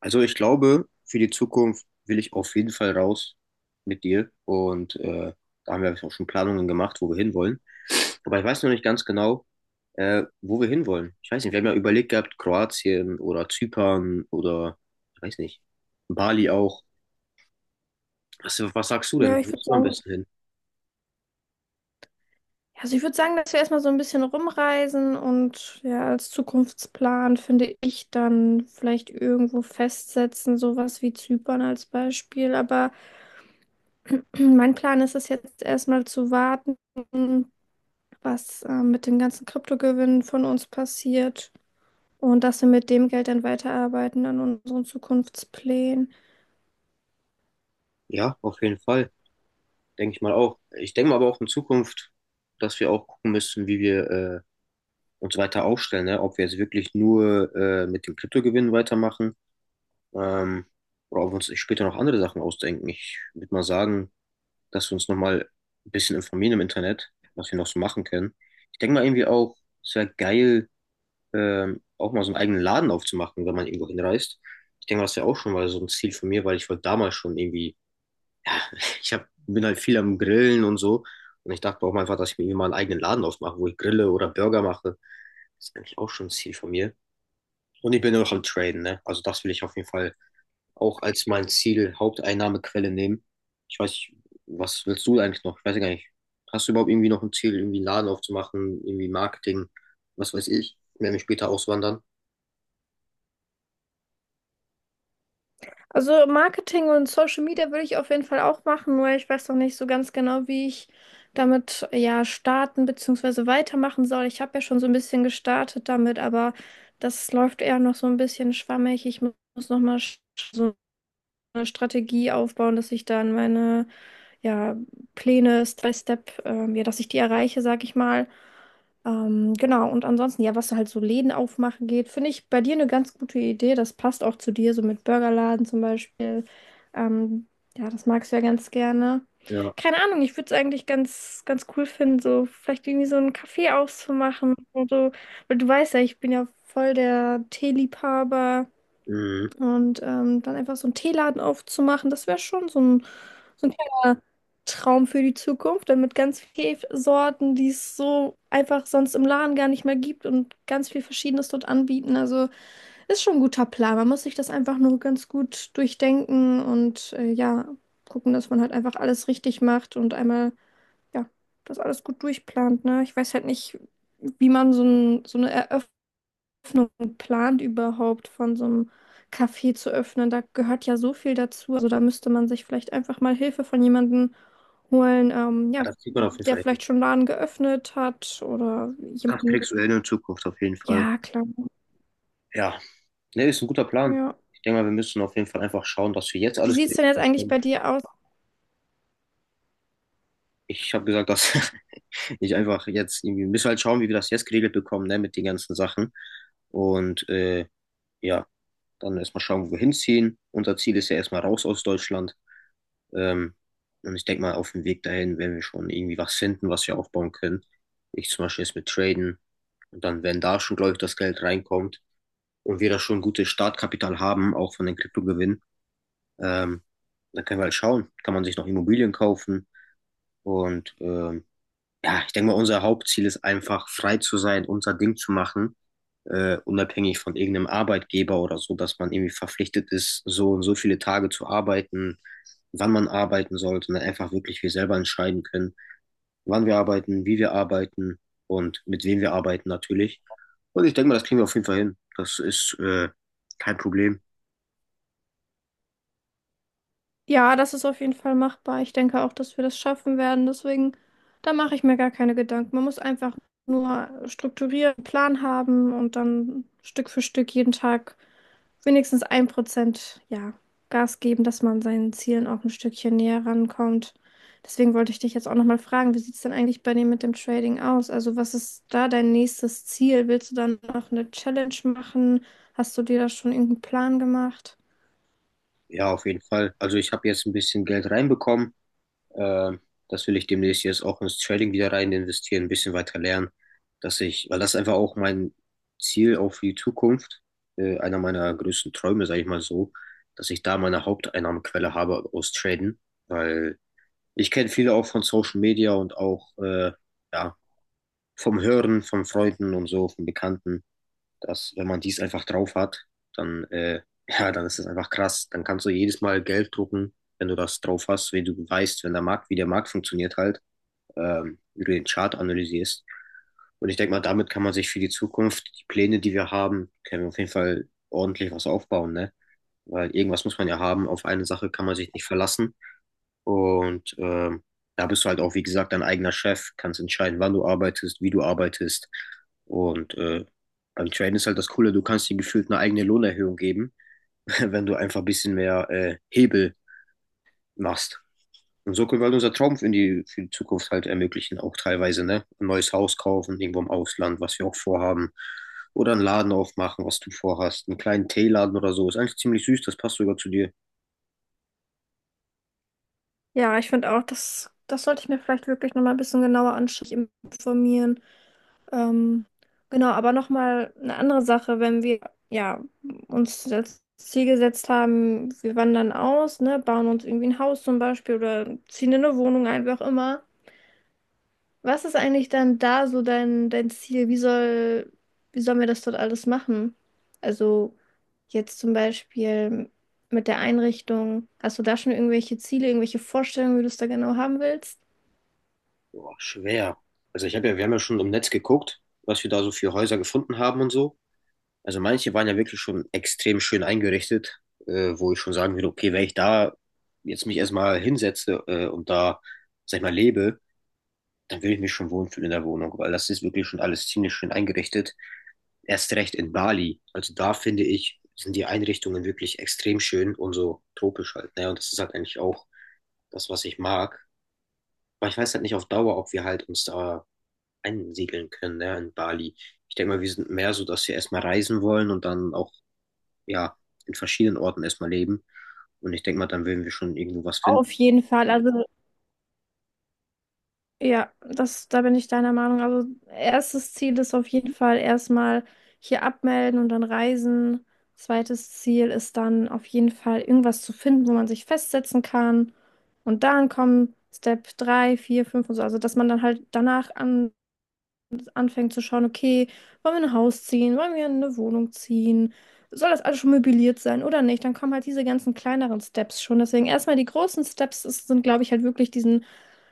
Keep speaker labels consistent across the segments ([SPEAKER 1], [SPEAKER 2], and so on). [SPEAKER 1] Also ich glaube, für die Zukunft will ich auf jeden Fall raus mit dir. Und da haben wir auch schon Planungen gemacht, wo wir hinwollen. Aber ich weiß noch nicht ganz genau, wo wir hinwollen. Ich weiß nicht, wir haben ja überlegt gehabt, Kroatien oder Zypern oder, ich weiß nicht, Bali auch. Was sagst du denn?
[SPEAKER 2] Ja,
[SPEAKER 1] Wo
[SPEAKER 2] ich würde
[SPEAKER 1] bist du am
[SPEAKER 2] sagen,
[SPEAKER 1] besten hin?
[SPEAKER 2] dass wir erstmal so ein bisschen rumreisen und ja, als Zukunftsplan finde ich dann vielleicht irgendwo festsetzen, sowas wie Zypern als Beispiel. Aber mein Plan ist es jetzt erstmal zu warten, was mit dem ganzen Kryptogewinn von uns passiert und dass wir mit dem Geld dann weiterarbeiten an unseren Zukunftsplänen.
[SPEAKER 1] Ja, auf jeden Fall. Denke ich mal auch. Ich denke mal aber auch in Zukunft, dass wir auch gucken müssen, wie wir uns weiter aufstellen, ne? Ob wir jetzt wirklich nur mit dem Kryptogewinn weitermachen. Ähm, oder ob wir uns später noch andere Sachen ausdenken. Ich würde mal sagen, dass wir uns nochmal ein bisschen informieren im Internet, was wir noch so machen können. Ich denke mal irgendwie auch, es wäre geil, auch mal so einen eigenen Laden aufzumachen, wenn man irgendwo hinreist. Ich denke, mal das wäre auch schon mal so ein Ziel von mir, weil ich wollte damals schon irgendwie, ich hab, bin halt viel am Grillen und so. Und ich dachte auch mal einfach, dass ich mir irgendwie mal einen eigenen Laden aufmache, wo ich grille oder Burger mache. Das ist eigentlich auch schon ein Ziel von mir. Und ich bin auch am Traden, ne? Also das will ich auf jeden Fall auch als mein Ziel Haupteinnahmequelle nehmen. Ich weiß nicht, was willst du eigentlich noch? Ich weiß ja gar nicht. Hast du überhaupt irgendwie noch ein Ziel, irgendwie einen Laden aufzumachen, irgendwie Marketing, was weiß ich, wenn wir später auswandern?
[SPEAKER 2] Also Marketing und Social Media würde ich auf jeden Fall auch machen, nur ich weiß noch nicht so ganz genau, wie ich damit ja starten bzw. weitermachen soll. Ich habe ja schon so ein bisschen gestartet damit, aber das läuft eher noch so ein bisschen schwammig. Muss noch mal so eine Strategie aufbauen, dass ich dann meine ja, Pläne, Step by Step, ja, dass ich die erreiche, sag ich mal. Genau, und ansonsten, ja, was halt so Läden aufmachen geht, finde ich bei dir eine ganz gute Idee. Das passt auch zu dir, so mit Burgerladen zum Beispiel. Ähm, ja, das magst du ja ganz gerne.
[SPEAKER 1] Ja,
[SPEAKER 2] Keine Ahnung, ich würde es eigentlich ganz, ganz cool finden, so vielleicht irgendwie so einen Kaffee auszumachen und so. Weil du weißt ja, ich bin ja voll der Teeliebhaber.
[SPEAKER 1] mhm.
[SPEAKER 2] Und dann einfach so einen Teeladen aufzumachen, das wäre schon so ein kleiner Traum für die Zukunft, dann mit ganz vielen Sorten, die es so einfach sonst im Laden gar nicht mehr gibt und ganz viel Verschiedenes dort anbieten. Also ist schon ein guter Plan. Man muss sich das einfach nur ganz gut durchdenken und ja, gucken, dass man halt einfach alles richtig macht und einmal, ja, das alles gut durchplant, ne? Ich weiß halt nicht, wie man so eine Eröffnung Öffnung plant, überhaupt von so einem Café zu öffnen. Da gehört ja so viel dazu. Also da müsste man sich vielleicht einfach mal Hilfe von jemandem holen,
[SPEAKER 1] Ja,
[SPEAKER 2] ja,
[SPEAKER 1] das sieht man auf jeden
[SPEAKER 2] der
[SPEAKER 1] Fall.
[SPEAKER 2] vielleicht schon einen Laden geöffnet hat oder
[SPEAKER 1] Das
[SPEAKER 2] jemanden.
[SPEAKER 1] kriegst du hin in der Zukunft auf jeden Fall.
[SPEAKER 2] Ja, klar.
[SPEAKER 1] Ja, ne, ist ein guter Plan.
[SPEAKER 2] Ja.
[SPEAKER 1] Ich denke mal, wir müssen auf jeden Fall einfach schauen, dass wir jetzt
[SPEAKER 2] Wie
[SPEAKER 1] alles
[SPEAKER 2] sieht es denn
[SPEAKER 1] geregelt
[SPEAKER 2] jetzt eigentlich
[SPEAKER 1] bekommen.
[SPEAKER 2] bei dir aus?
[SPEAKER 1] Ich habe gesagt, dass ich einfach jetzt irgendwie, wir müssen halt schauen, wie wir das jetzt geregelt bekommen, ne, mit den ganzen Sachen. Und ja. Dann erstmal schauen, wohin ziehen. Unser Ziel ist ja erstmal raus aus Deutschland. Ähm, und ich denke mal, auf dem Weg dahin werden wir schon irgendwie was finden, was wir aufbauen können. Ich zum Beispiel jetzt mit Traden. Und dann, wenn da schon, glaube ich, das Geld reinkommt und wir da schon gutes Startkapital haben, auch von den Kryptogewinnen, ähm, dann können wir halt schauen. Kann man sich noch Immobilien kaufen? Und ja, ich denke mal, unser Hauptziel ist einfach, frei zu sein, unser Ding zu machen, unabhängig von irgendeinem Arbeitgeber oder so, dass man irgendwie verpflichtet ist, so und so viele Tage zu arbeiten, wann man arbeiten soll, sondern einfach wirklich wir selber entscheiden können, wann wir arbeiten, wie wir arbeiten und mit wem wir arbeiten natürlich. Und ich denke mal, das kriegen wir auf jeden Fall hin. Das ist kein Problem.
[SPEAKER 2] Ja, das ist auf jeden Fall machbar. Ich denke auch, dass wir das schaffen werden. Deswegen, da mache ich mir gar keine Gedanken. Man muss einfach nur strukturieren, einen Plan haben und dann Stück für Stück jeden Tag wenigstens ein Prozent, ja, Gas geben, dass man seinen Zielen auch ein Stückchen näher rankommt. Deswegen wollte ich dich jetzt auch nochmal fragen, wie sieht es denn eigentlich bei dir mit dem Trading aus? Also was ist da dein nächstes Ziel? Willst du dann noch eine Challenge machen? Hast du dir da schon irgendeinen Plan gemacht?
[SPEAKER 1] Ja, auf jeden Fall. Also ich habe jetzt ein bisschen Geld reinbekommen. Äh, Das will ich demnächst jetzt auch ins Trading wieder rein investieren, ein bisschen weiter lernen, dass ich, weil das einfach auch mein Ziel auch für die Zukunft, einer meiner größten Träume, sage ich mal so, dass ich da meine Haupteinnahmequelle habe aus Traden, weil ich kenne viele auch von Social Media und auch ja, vom Hören, von Freunden und so, von Bekannten, dass wenn man dies einfach drauf hat, dann, ja, dann ist das einfach krass. Dann kannst du jedes Mal Geld drucken, wenn du das drauf hast, wenn du weißt, wenn der Markt, wie der Markt funktioniert halt, wie du den Chart analysierst. Und ich denke mal, damit kann man sich für die Zukunft, die Pläne, die wir haben, können wir auf jeden Fall ordentlich was aufbauen, ne? Weil irgendwas muss man ja haben. Auf eine Sache kann man sich nicht verlassen. Und da bist du halt auch, wie gesagt, dein eigener Chef, kannst entscheiden, wann du arbeitest, wie du arbeitest. Und beim Traden ist halt das Coole, du kannst dir gefühlt eine eigene Lohnerhöhung geben, wenn du einfach ein bisschen mehr Hebel machst. Und so können wir halt unser Traum in die, für die Zukunft halt ermöglichen, auch teilweise, ne? Ein neues Haus kaufen, irgendwo im Ausland, was wir auch vorhaben. Oder einen Laden aufmachen, was du vorhast. Einen kleinen Teeladen oder so. Ist eigentlich ziemlich süß, das passt sogar zu dir.
[SPEAKER 2] Ja, ich finde auch, das sollte ich mir vielleicht wirklich nochmal ein bisschen genauer anschauen, mich informieren. Ähm, genau, aber nochmal eine andere Sache, wenn wir ja, uns als Ziel gesetzt haben, wir wandern aus, ne, bauen uns irgendwie ein Haus zum Beispiel oder ziehen in eine Wohnung ein, wie auch immer. Was ist eigentlich dann da so dein Ziel? Wie sollen wir das dort alles machen? Also jetzt zum Beispiel mit der Einrichtung, hast du da schon irgendwelche Ziele, irgendwelche Vorstellungen, wie du es da genau haben willst?
[SPEAKER 1] Boah, schwer. Also ich habe ja, wir haben ja schon im Netz geguckt, was wir da so für Häuser gefunden haben und so. Also manche waren ja wirklich schon extrem schön eingerichtet, wo ich schon sagen würde, okay, wenn ich da jetzt mich erstmal hinsetze, und da, sag ich mal, lebe, dann würde ich mich schon wohlfühlen in der Wohnung, weil das ist wirklich schon alles ziemlich schön eingerichtet. Erst recht in Bali. Also da finde ich, sind die Einrichtungen wirklich extrem schön und so tropisch halt. Ne? Und das ist halt eigentlich auch das, was ich mag. Aber ich weiß halt nicht auf Dauer, ob wir halt uns da einsiedeln können, ne, in Bali. Ich denke mal, wir sind mehr so, dass wir erstmal reisen wollen und dann auch, ja, in verschiedenen Orten erstmal leben. Und ich denke mal, dann würden wir schon irgendwo was finden.
[SPEAKER 2] Auf jeden Fall. Also ja, das, da bin ich deiner Meinung. Also erstes Ziel ist auf jeden Fall erstmal hier abmelden und dann reisen. Zweites Ziel ist dann auf jeden Fall irgendwas zu finden, wo man sich festsetzen kann. Und dann kommen Step 3, 4, 5 und so. Also dass man dann halt danach an anfängt zu schauen, okay, wollen wir ein Haus ziehen, wollen wir in eine Wohnung ziehen, soll das alles schon möbliert sein oder nicht, dann kommen halt diese ganzen kleineren Steps schon. Deswegen erstmal die großen Steps sind, glaube ich, halt wirklich diesen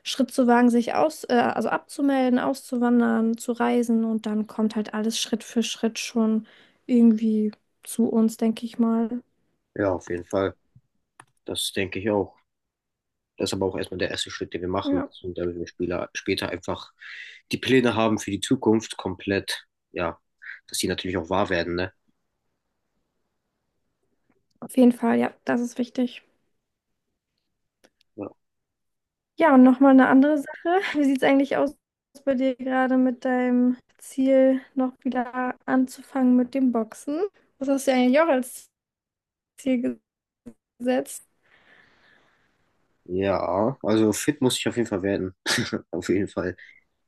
[SPEAKER 2] Schritt zu wagen, sich aus, also abzumelden, auszuwandern, zu reisen und dann kommt halt alles Schritt für Schritt schon irgendwie zu uns, denke ich mal.
[SPEAKER 1] Ja, auf jeden Fall. Das denke ich auch. Das ist aber auch erstmal der erste Schritt, den wir machen.
[SPEAKER 2] Ja,
[SPEAKER 1] Und damit wir Spieler später einfach die Pläne haben für die Zukunft komplett, ja, dass die natürlich auch wahr werden, ne?
[SPEAKER 2] auf jeden Fall, ja, das ist wichtig.
[SPEAKER 1] Ja.
[SPEAKER 2] Ja, und nochmal eine andere Sache. Wie sieht es eigentlich aus bei dir gerade mit deinem Ziel, noch wieder anzufangen mit dem Boxen? Das hast du ja eigentlich auch als Ziel gesetzt.
[SPEAKER 1] Ja, also fit muss ich auf jeden Fall werden. Auf jeden Fall.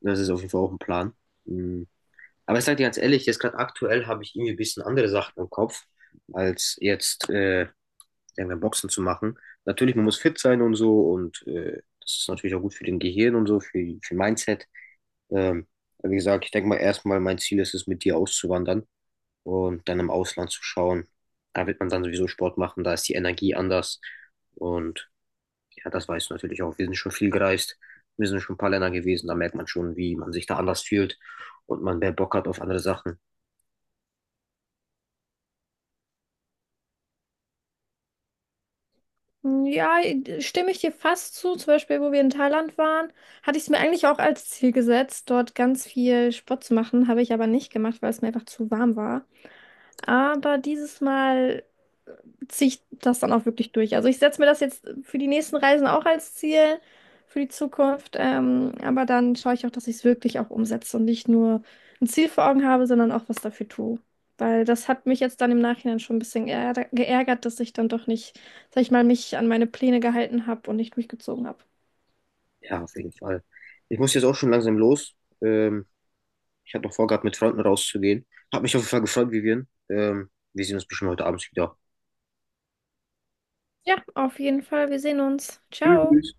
[SPEAKER 1] Das ist auf jeden Fall auch ein Plan. Mm. Aber ich sage dir ganz ehrlich, jetzt gerade aktuell habe ich irgendwie ein bisschen andere Sachen im Kopf, als jetzt irgendein Boxen zu machen. Natürlich, man muss fit sein und so und das ist natürlich auch gut für den Gehirn und so, für Mindset. Ähm, aber wie gesagt, ich denke mal erstmal, mein Ziel ist es, mit dir auszuwandern und dann im Ausland zu schauen. Da wird man dann sowieso Sport machen, da ist die Energie anders. Und ja, das weißt du natürlich auch. Wir sind schon viel gereist, wir sind schon ein paar Länder gewesen, da merkt man schon, wie man sich da anders fühlt und man mehr Bock hat auf andere Sachen.
[SPEAKER 2] Ja, stimme ich dir fast zu. Zum Beispiel, wo wir in Thailand waren, hatte ich es mir eigentlich auch als Ziel gesetzt, dort ganz viel Sport zu machen. Habe ich aber nicht gemacht, weil es mir einfach zu warm war. Aber dieses Mal ziehe ich das dann auch wirklich durch. Also ich setze mir das jetzt für die nächsten Reisen auch als Ziel für die Zukunft, aber dann schaue ich auch, dass ich es wirklich auch umsetze und nicht nur ein Ziel vor Augen habe, sondern auch was dafür tue. Weil das hat mich jetzt dann im Nachhinein schon ein bisschen geärgert, dass ich dann doch nicht, sag ich mal, mich an meine Pläne gehalten habe und nicht durchgezogen habe.
[SPEAKER 1] Ja, auf jeden Fall. Ich muss jetzt auch schon langsam los. Ähm, Ich habe noch vorgehabt, mit Freunden rauszugehen. Hab mich auf jeden Fall gefreut, Vivian. Wir sehen uns bestimmt heute Abend wieder.
[SPEAKER 2] Ja, auf jeden Fall. Wir sehen uns. Ciao.
[SPEAKER 1] Tschüss.